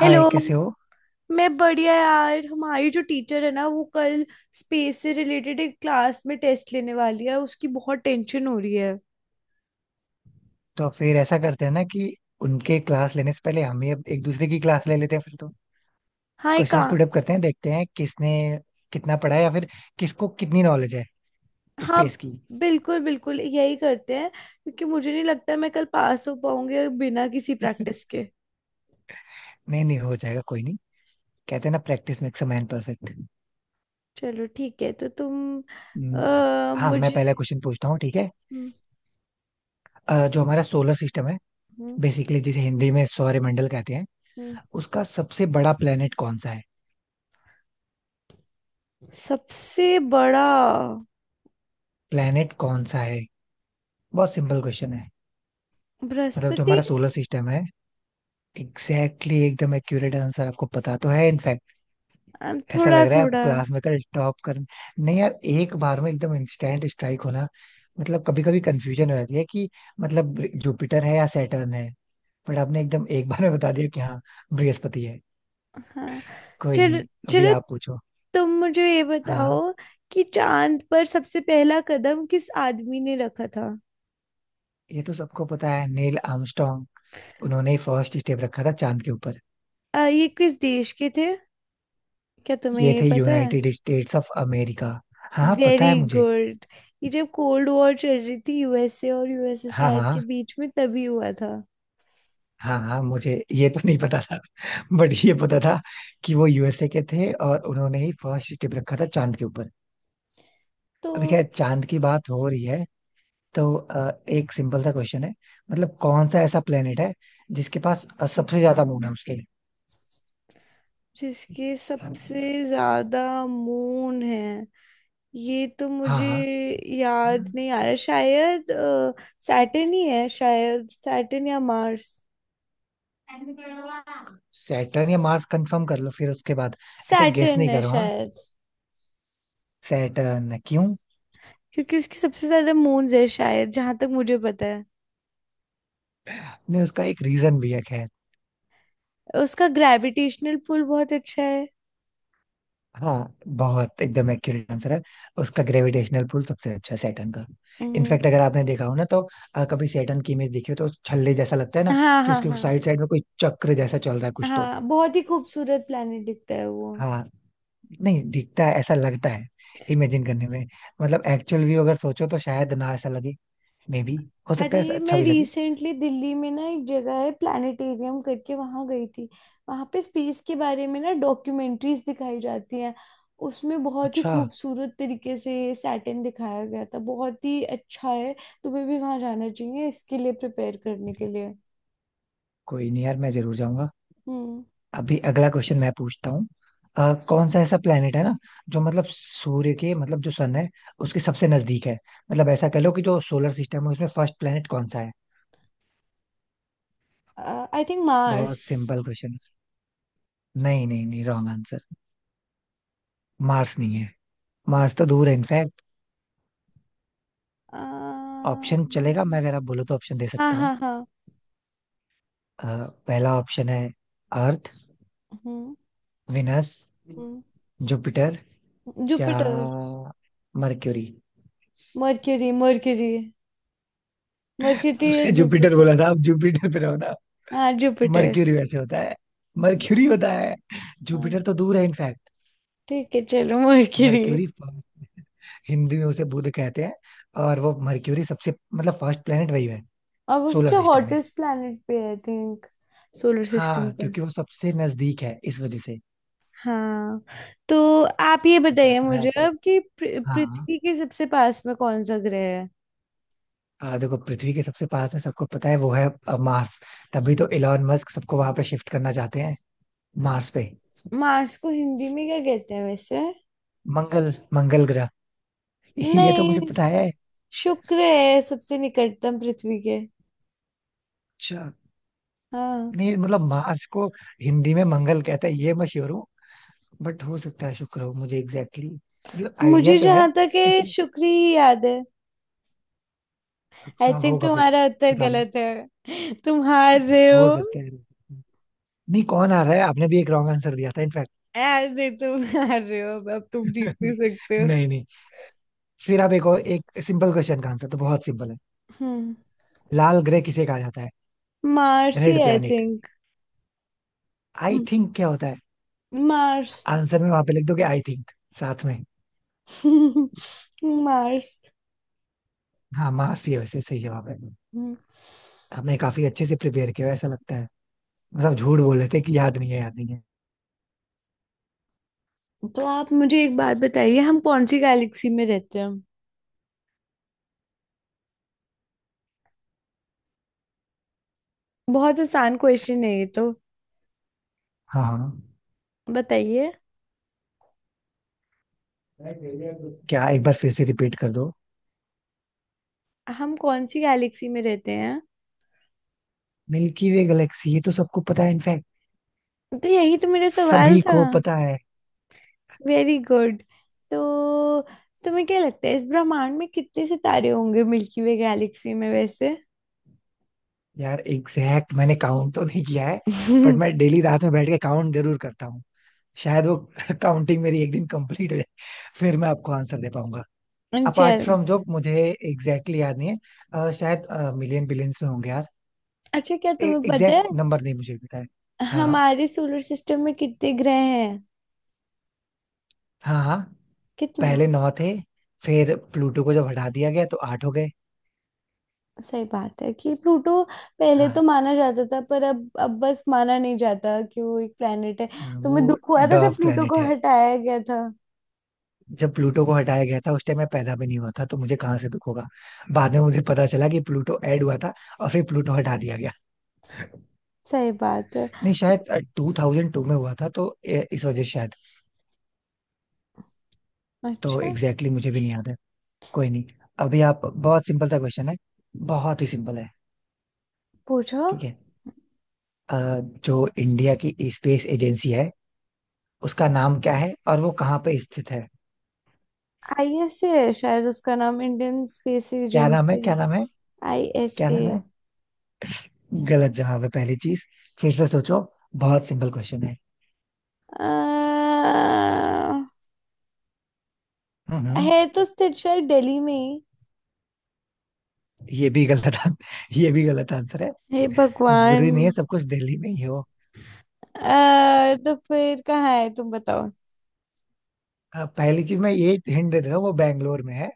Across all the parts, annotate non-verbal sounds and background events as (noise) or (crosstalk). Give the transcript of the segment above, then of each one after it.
हाय, hello. कैसे हो? मैं बढ़िया यार। हमारी जो टीचर है ना वो कल स्पेस से रिलेटेड एक क्लास में टेस्ट लेने वाली है। उसकी बहुत टेंशन हो रही है। तो फिर ऐसा करते हैं ना कि उनके क्लास लेने से पहले हम ही अब एक दूसरे की क्लास ले लेते हैं फिर तो। हाँ, एक का। क्वेश्चंस पुट अप करते हैं, देखते हैं किसने कितना पढ़ा है या फिर किसको कितनी नॉलेज है हाँ, स्पेस की। (laughs) बिल्कुल बिल्कुल, यही करते हैं क्योंकि मुझे नहीं लगता मैं कल पास हो पाऊंगी बिना किसी प्रैक्टिस के। नहीं नहीं, हो जाएगा, कोई नहीं। कहते हैं ना, practice makes a man perfect. चलो, ठीक है। तो तुम हाँ, मैं मुझे। पहला क्वेश्चन पूछता हूँ, ठीक है। हम्म। जो हमारा सोलर सिस्टम है, हम्म। बेसिकली जिसे हिंदी में सौरमंडल कहते हैं, हम्म। उसका सबसे बड़ा प्लेनेट कौन सा है? सबसे बड़ा। प्लेनेट कौन सा है? बहुत सिंपल क्वेश्चन है। मतलब जो बृहस्पति। हमारा सोलर सिस्टम है। एग्जैक्टली exactly, एकदम एक्यूरेट आंसर, आपको पता तो है इनफैक्ट। ऐसा थोड़ा लग रहा है आप थोड़ा। क्लास में कल टॉप कर, नहीं यार, एक बार में एकदम इंस्टेंट स्ट्राइक होना। मतलब कभी कभी कंफ्यूजन हो जाती है कि मतलब जुपिटर है या सैटर्न है। बट आपने एकदम एक बार में बता दिया कि हाँ, बृहस्पति है। हाँ। कोई चलो नहीं, अभी चलो, आप पूछो। तुम मुझे ये बताओ हाँ। कि चांद पर सबसे पहला कदम किस आदमी ने रखा था। ये तो सबको पता है, नील आर्मस्ट्रॉन्ग। उन्होंने ही फर्स्ट स्टेप रखा था चांद के ऊपर। ये किस देश के थे? क्या तुम्हें ये ये थे पता है? United States of America. हाँ हाँ, पता है वेरी मुझे। गुड। ये जब कोल्ड वॉर चल रही थी यूएसए और हाँ यूएसएसआर के हाँ। बीच में तभी हुआ था। हाँ हाँ, मुझे ये तो नहीं पता था। बट ये पता था कि वो यूएसए के थे और उन्होंने ही फर्स्ट स्टेप रखा था चांद के ऊपर। तो अभी खैर चांद की बात हो रही है तो एक सिंपल सा क्वेश्चन है। मतलब कौन सा ऐसा प्लेनेट है जिसके पास सबसे ज्यादा मून है उसके? जिसके सबसे ज्यादा मून है, ये तो मुझे हाँ याद हाँ। नहीं आ रहा शायद। सैटर्न ही है शायद, सैटर्न या मार्स। सैटर्न या मार्स, कंफर्म कर लो फिर उसके बाद। ऐसे गेस सैटर्न नहीं है करो, हाँ। शायद। सैटर्न क्यों? क्योंकि उसकी सबसे ज्यादा मून्स है शायद, जहां तक मुझे पता है। नहीं, उसका एक रीजन भी है, खैर। उसका ग्रेविटेशनल पुल बहुत अच्छा है। हाँ, बहुत एकदम एक्यूरेट आंसर है। उसका ग्रेविटेशनल पुल सबसे अच्छा है सैटर्न का। हम्म। इनफैक्ट अगर आपने देखा हो ना तो कभी सैटर्न की इमेज देखी हो तो उस छल्ले जैसा लगता है ना, हाँ कि हाँ उसके हाँ। साइड साइड में कोई चक्र जैसा चल रहा है कुछ तो। हाँ, बहुत ही खूबसूरत प्लेनेट दिखता है वो। हाँ। नहीं दिखता है, ऐसा लगता है इमेजिन करने में। मतलब एक्चुअल व्यू अगर सोचो तो शायद ना ऐसा लगे। May be. हो सकता है ऐसा अरे, अच्छा मैं भी लगे। रिसेंटली दिल्ली में ना एक जगह है प्लानिटेरियम करके, वहां गई थी। वहां पे स्पेस के बारे में ना डॉक्यूमेंट्रीज दिखाई जाती हैं। उसमें बहुत ही अच्छा। खूबसूरत तरीके से सैटर्न दिखाया गया था। बहुत ही अच्छा है। तुम्हें भी वहां जाना चाहिए इसके लिए प्रिपेयर करने के लिए। कोई नहीं यार, मैं जरूर जाऊंगा। हम्म। अभी अगला क्वेश्चन मैं पूछता हूँ। कौन सा ऐसा प्लेनेट है ना जो मतलब सूर्य के मतलब जो सन है उसके सबसे नजदीक है? मतलब ऐसा कह लो कि जो सोलर सिस्टम है उसमें फर्स्ट प्लेनेट कौन सा है? I think Mars. बहुत सिंपल क्वेश्चन। नहीं नहीं नहीं, रॉन्ग आंसर। मार्स नहीं है। मार्स तो दूर है इनफैक्ट। हाँ ऑप्शन चलेगा, मैं अगर आप बोलो तो ऑप्शन दे हाँ। सकता हूँ। हाँ। अ, पहला ऑप्शन है, अर्थ। हम्म। विनस। हम्म। जुपिटर। या Jupiter. Mercury. Mercury Mercury. Mercury या जुपिटर जुपिटर। बोला था, आप जुपिटर पे रहो ना। हाँ, जुपिटर। मर्क्यूरी वैसे होता है। मर्क्यूरी होता है। हाँ। जुपिटर तो दूर है इनफैक्ट। ठीक है, चलो मर्क्यूरी। मर्क्यूरी। हिंदी में उसे बुध कहते हैं। और वो मर्क्यूरी सबसे मतलब फर्स्ट प्लेनेट वही है। और वो सोलर सबसे सिस्टम में। हॉटेस्ट प्लैनेट पे है आई थिंक। सोलर सिस्टम हाँ, का। क्योंकि वो सबसे नजदीक है इस वजह से। हाँ। तो आप ये पता बताइए तो है मुझे आपको। अब कि हाँ। पृथ्वी के सबसे पास में कौन सा ग्रह है? देखो, पृथ्वी के सबसे पास में सबको पता है वो है, मार्स। तभी तो इलॉन मस्क सबको वहां पे शिफ्ट करना चाहते हैं, मार्स पे। मार्स को हिंदी में क्या कहते हैं वैसे? मंगल, मंगल ग्रह। ये तो नहीं। मुझे पता है। शुक्र है सबसे निकटतम पृथ्वी के। अच्छा। हाँ। नहीं मतलब, मार्स को हिंदी में मंगल कहते हैं ये मैं श्योर। बट हो सकता है शुक्र हो, मुझे एग्जैक्टली, मतलब आइडिया मुझे तो है। जहां तक है, क्योंकि। शुक्र ही याद है। आई अच्छा थिंक होगा फिर। तुम्हारा उत्तर पता नहीं। गलत है, तुम हार रहे हो हो। सकता है। नहीं, कौन आ रहा है, आपने भी एक रॉन्ग आंसर दिया था इनफैक्ट। अरे, तुम हार रहे हो, अब तुम जीत (laughs) नहीं सकते हो। नहीं नहीं। फिर आप एक और, एक सिंपल क्वेश्चन का आंसर तो बहुत सिंपल है। हम्म। लाल ग्रह किसे कहा जाता है? मार्स ही, red I planet. Think. I think क्या होता है? मार्स। आंसर में वहां पे लिख दोगे आई थिंक साथ में? (laughs) मार्स। हाँ, मार्स ही है वैसे, सही जवाब है। हम्म। आपने काफी अच्छे से प्रिपेयर किया ऐसा लगता है। मतलब झूठ बोल रहे थे कि याद नहीं है, याद नहीं है। तो आप मुझे एक बात बताइए, हम कौन सी गैलेक्सी में रहते हैं? बहुत आसान क्वेश्चन है ये तो। हाँ हाँ। बताइए। क्या एक बार फिर से रिपीट कर दो? हम कौन सी गैलेक्सी में रहते हैं? मिल्की वे गैलेक्सी, ये तो सबको पता है इनफैक्ट। तो यही तो मेरा सवाल सभी था। को पता है। Very good. तो तुम्हें क्या लगता है इस ब्रह्मांड में कितने सितारे होंगे मिल्की वे गैलेक्सी में वैसे? यार एग्जैक्ट मैंने काउंट तो नहीं किया है। बट मैं (laughs) डेली रात में बैठ के काउंट जरूर करता हूँ। शायद वो (laughs) काउंटिंग मेरी एक दिन कंप्लीट हो जाए। फिर मैं आपको आंसर दे पाऊंगा। अपार्ट चल। फ्रॉम, जो मुझे एग्जैक्टली याद नहीं है। शायद मिलियन बिलियंस में होंगे यार। अच्छा, क्या तुम्हें पता है एग्जैक्ट नंबर नहीं मुझे पता है। हाँ हमारे सोलर सिस्टम में कितने ग्रह हैं? हाँ। हाँ। कितने? पहले नौ थे। फिर प्लूटो को जब हटा दिया गया तो आठ हो गए। सही बात है कि प्लूटो पहले हाँ तो माना जाता था, पर अब बस माना नहीं जाता कि वो एक प्लेनेट है। हाँ, वो तुम्हें दुख हुआ था जब डर्व प्लूटो प्लेनेट को है। हटाया गया था? जब प्लूटो को हटाया गया था उस टाइम मैं पैदा भी नहीं हुआ था, तो मुझे कहाँ से दुख होगा? बाद में मुझे पता चला कि प्लूटो ऐड हुआ था, और फिर प्लूटो हटा दिया गया। सही बात है। नहीं शायद 2002 में हुआ था तो इस वजह से शायद। तो अच्छा। एग्जैक्टली मुझे भी नहीं याद है। कोई नहीं। अभी आप, बहुत सिंपल सा क्वेश्चन है। बहुत ही सिंपल है। पूछो। ठीक है। जो इंडिया की स्पेस एजेंसी है उसका नाम क्या है और वो कहाँ पे स्थित है? आईएसए है शायद उसका नाम, इंडियन स्पेस क्या नाम है? एजेंसी। क्या नाम है? क्या आईएसए। नाम है? गलत जवाब है पहली चीज। फिर से सोचो। बहुत सिंपल क्वेश्चन है। हम्म हम्म। है, तो स्थित शायद दिल्ली में ही। ये भी गलत (laughs) ये भी गलत आंसर है। हे भगवान। जरूरी नहीं है सब कुछ दिल्ली में ही हो। तो फिर कहाँ है, तुम बताओ। पहली चीज मैं ये हिंट दे देता हूँ, वो बैंगलोर में है।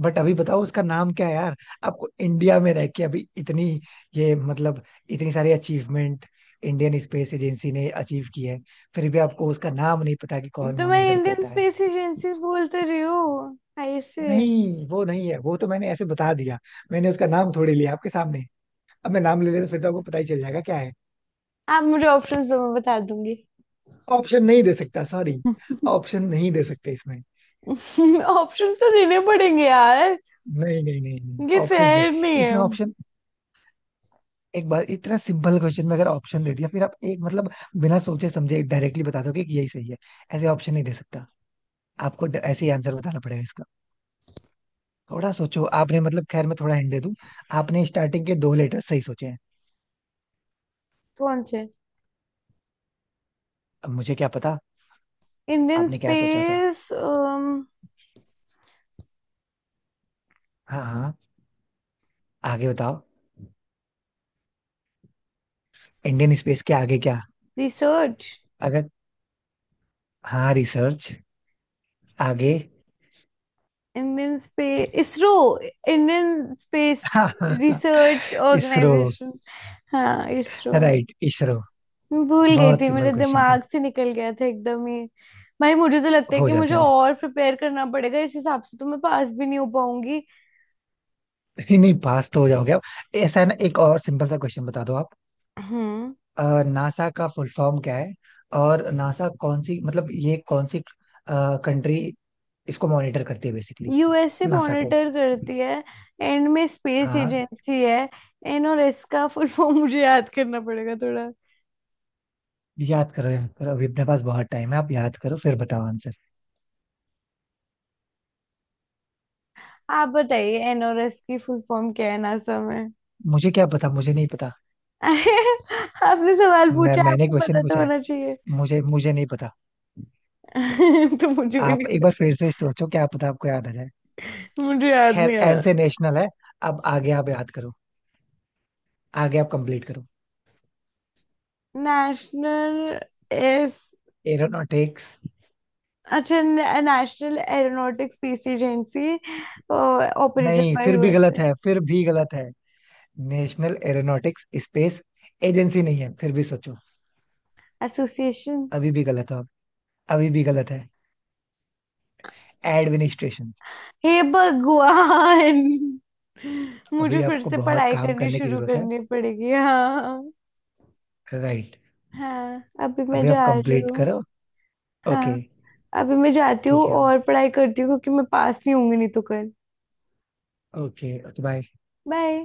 बट अभी बताओ उसका नाम क्या है यार? आपको इंडिया में रह के अभी इतनी, ये मतलब इतनी सारी अचीवमेंट इंडियन स्पेस एजेंसी ने अचीव की है, फिर भी आपको उसका नाम नहीं पता कि कौन तो मैं मॉनिटर इंडियन करता है। स्पेस एजेंसी बोल तो रही हूँ, आईएसए। नहीं, वो नहीं है, वो तो मैंने ऐसे बता दिया। मैंने उसका नाम थोड़ी लिया आपके सामने। अब मैं नाम ले लेता फिर तो आपको पता ही चल जाएगा क्या है। आप मुझे ऑप्शंस दो, मैं बता दूंगी। ऑप्शन नहीं दे सकता, सॉरी। ऑप्शन नहीं दे सकते इसमें। (laughs) ऑप्शंस तो देने पड़ेंगे यार। नहीं नहीं नहीं नहीं, ये ऑप्शंस नहीं। फेयर नहीं है। इसमें ऑप्शन, एक बार इतना सिंपल क्वेश्चन में अगर ऑप्शन दे दिया, फिर आप एक मतलब बिना सोचे समझे डायरेक्टली बता दोगे कि यही सही है। ऐसे ऑप्शन नहीं दे सकता। आपको ऐसे ही आंसर बताना पड़ेगा इसका। थोड़ा सोचो आपने मतलब, खैर मैं थोड़ा हिंट दे दूं। आपने स्टार्टिंग के दो लेटर सही सोचे हैं। कौन से? अब मुझे क्या पता। इंडियन आपने क्या सोचा था? स्पेस। हाँ हाँ। आगे बताओ। इंडियन स्पेस के आगे क्या? रिसर्च। अगर। हाँ, रिसर्च। आगे। Indian space ISRO. Indian space (laughs) हाँ। रिसर्च इसरो। ऑर्गेनाइजेशन। हाँ, इसरो। राइट, इसरो। मैं भूल गई बहुत थी, सिंपल मेरे क्वेश्चन था। दिमाग से निकल गया था एकदम ही। भाई, मुझे तो लगता है हो कि मुझे जाता है। और प्रिपेयर करना पड़ेगा। इस हिसाब से तो मैं पास भी नहीं हो पाऊंगी। (laughs) नहीं नहीं, पास तो हो जाओगे आप। ऐसा है ना, एक और सिंपल सा क्वेश्चन बता दो आप। हम्म। नासा का फुल फॉर्म क्या है? और नासा कौन सी, मतलब ये कौन सी कंट्री इसको मॉनिटर करती है बेसिकली? यूएसए नासा को। मॉनिटर करती है। एंड में स्पेस हाँ। एजेंसी है। एनओएस का फुल फॉर्म मुझे याद करना पड़ेगा थोड़ा। याद करो याद करो, अभी अपने पास बहुत टाइम है, आप याद करो फिर बताओ आंसर। आप बताइए एनओएस की फुल फॉर्म क्या है, नासा? मुझे क्या पता, मुझे नहीं पता। (laughs) अरे। आपने सवाल मैं पूछा, मैंने आपको क्वेश्चन पता तो पूछा है। होना चाहिए। मुझे मुझे नहीं पता। (laughs) तो मुझे भी आप नहीं एक बार पता। फिर से सोचो, क्या पता आपको याद आ जाए। मुझे याद नहीं खैर, आ एन रहा। से नेशनल है। अब आगे आप याद करो। आगे आप कंप्लीट करो। नेशनल। एस। एरोनॉटिक्स। अच्छा। National aeronautics space agency. Operated नहीं, बाय फिर भी गलत यूएसए। है, फिर भी गलत है। नेशनल एरोनॉटिक्स स्पेस एजेंसी नहीं है, फिर भी सोचो। एसोसिएशन। अभी भी गलत हो आप। अभी भी गलत है। एडमिनिस्ट्रेशन। हे भगवान। अभी मुझे फिर आपको से बहुत पढ़ाई काम करनी करने की शुरू जरूरत है। करनी पड़ेगी, हाँ। राइट। हाँ, अभी मैं अभी आप जा रही कंप्लीट हूँ। करो। ओके। हाँ। अभी मैं जाती हूँ ठीक है। और पढ़ाई करती हूँ क्योंकि मैं पास नहीं होंगी नहीं तो कल। Okay okay, bye. बाय।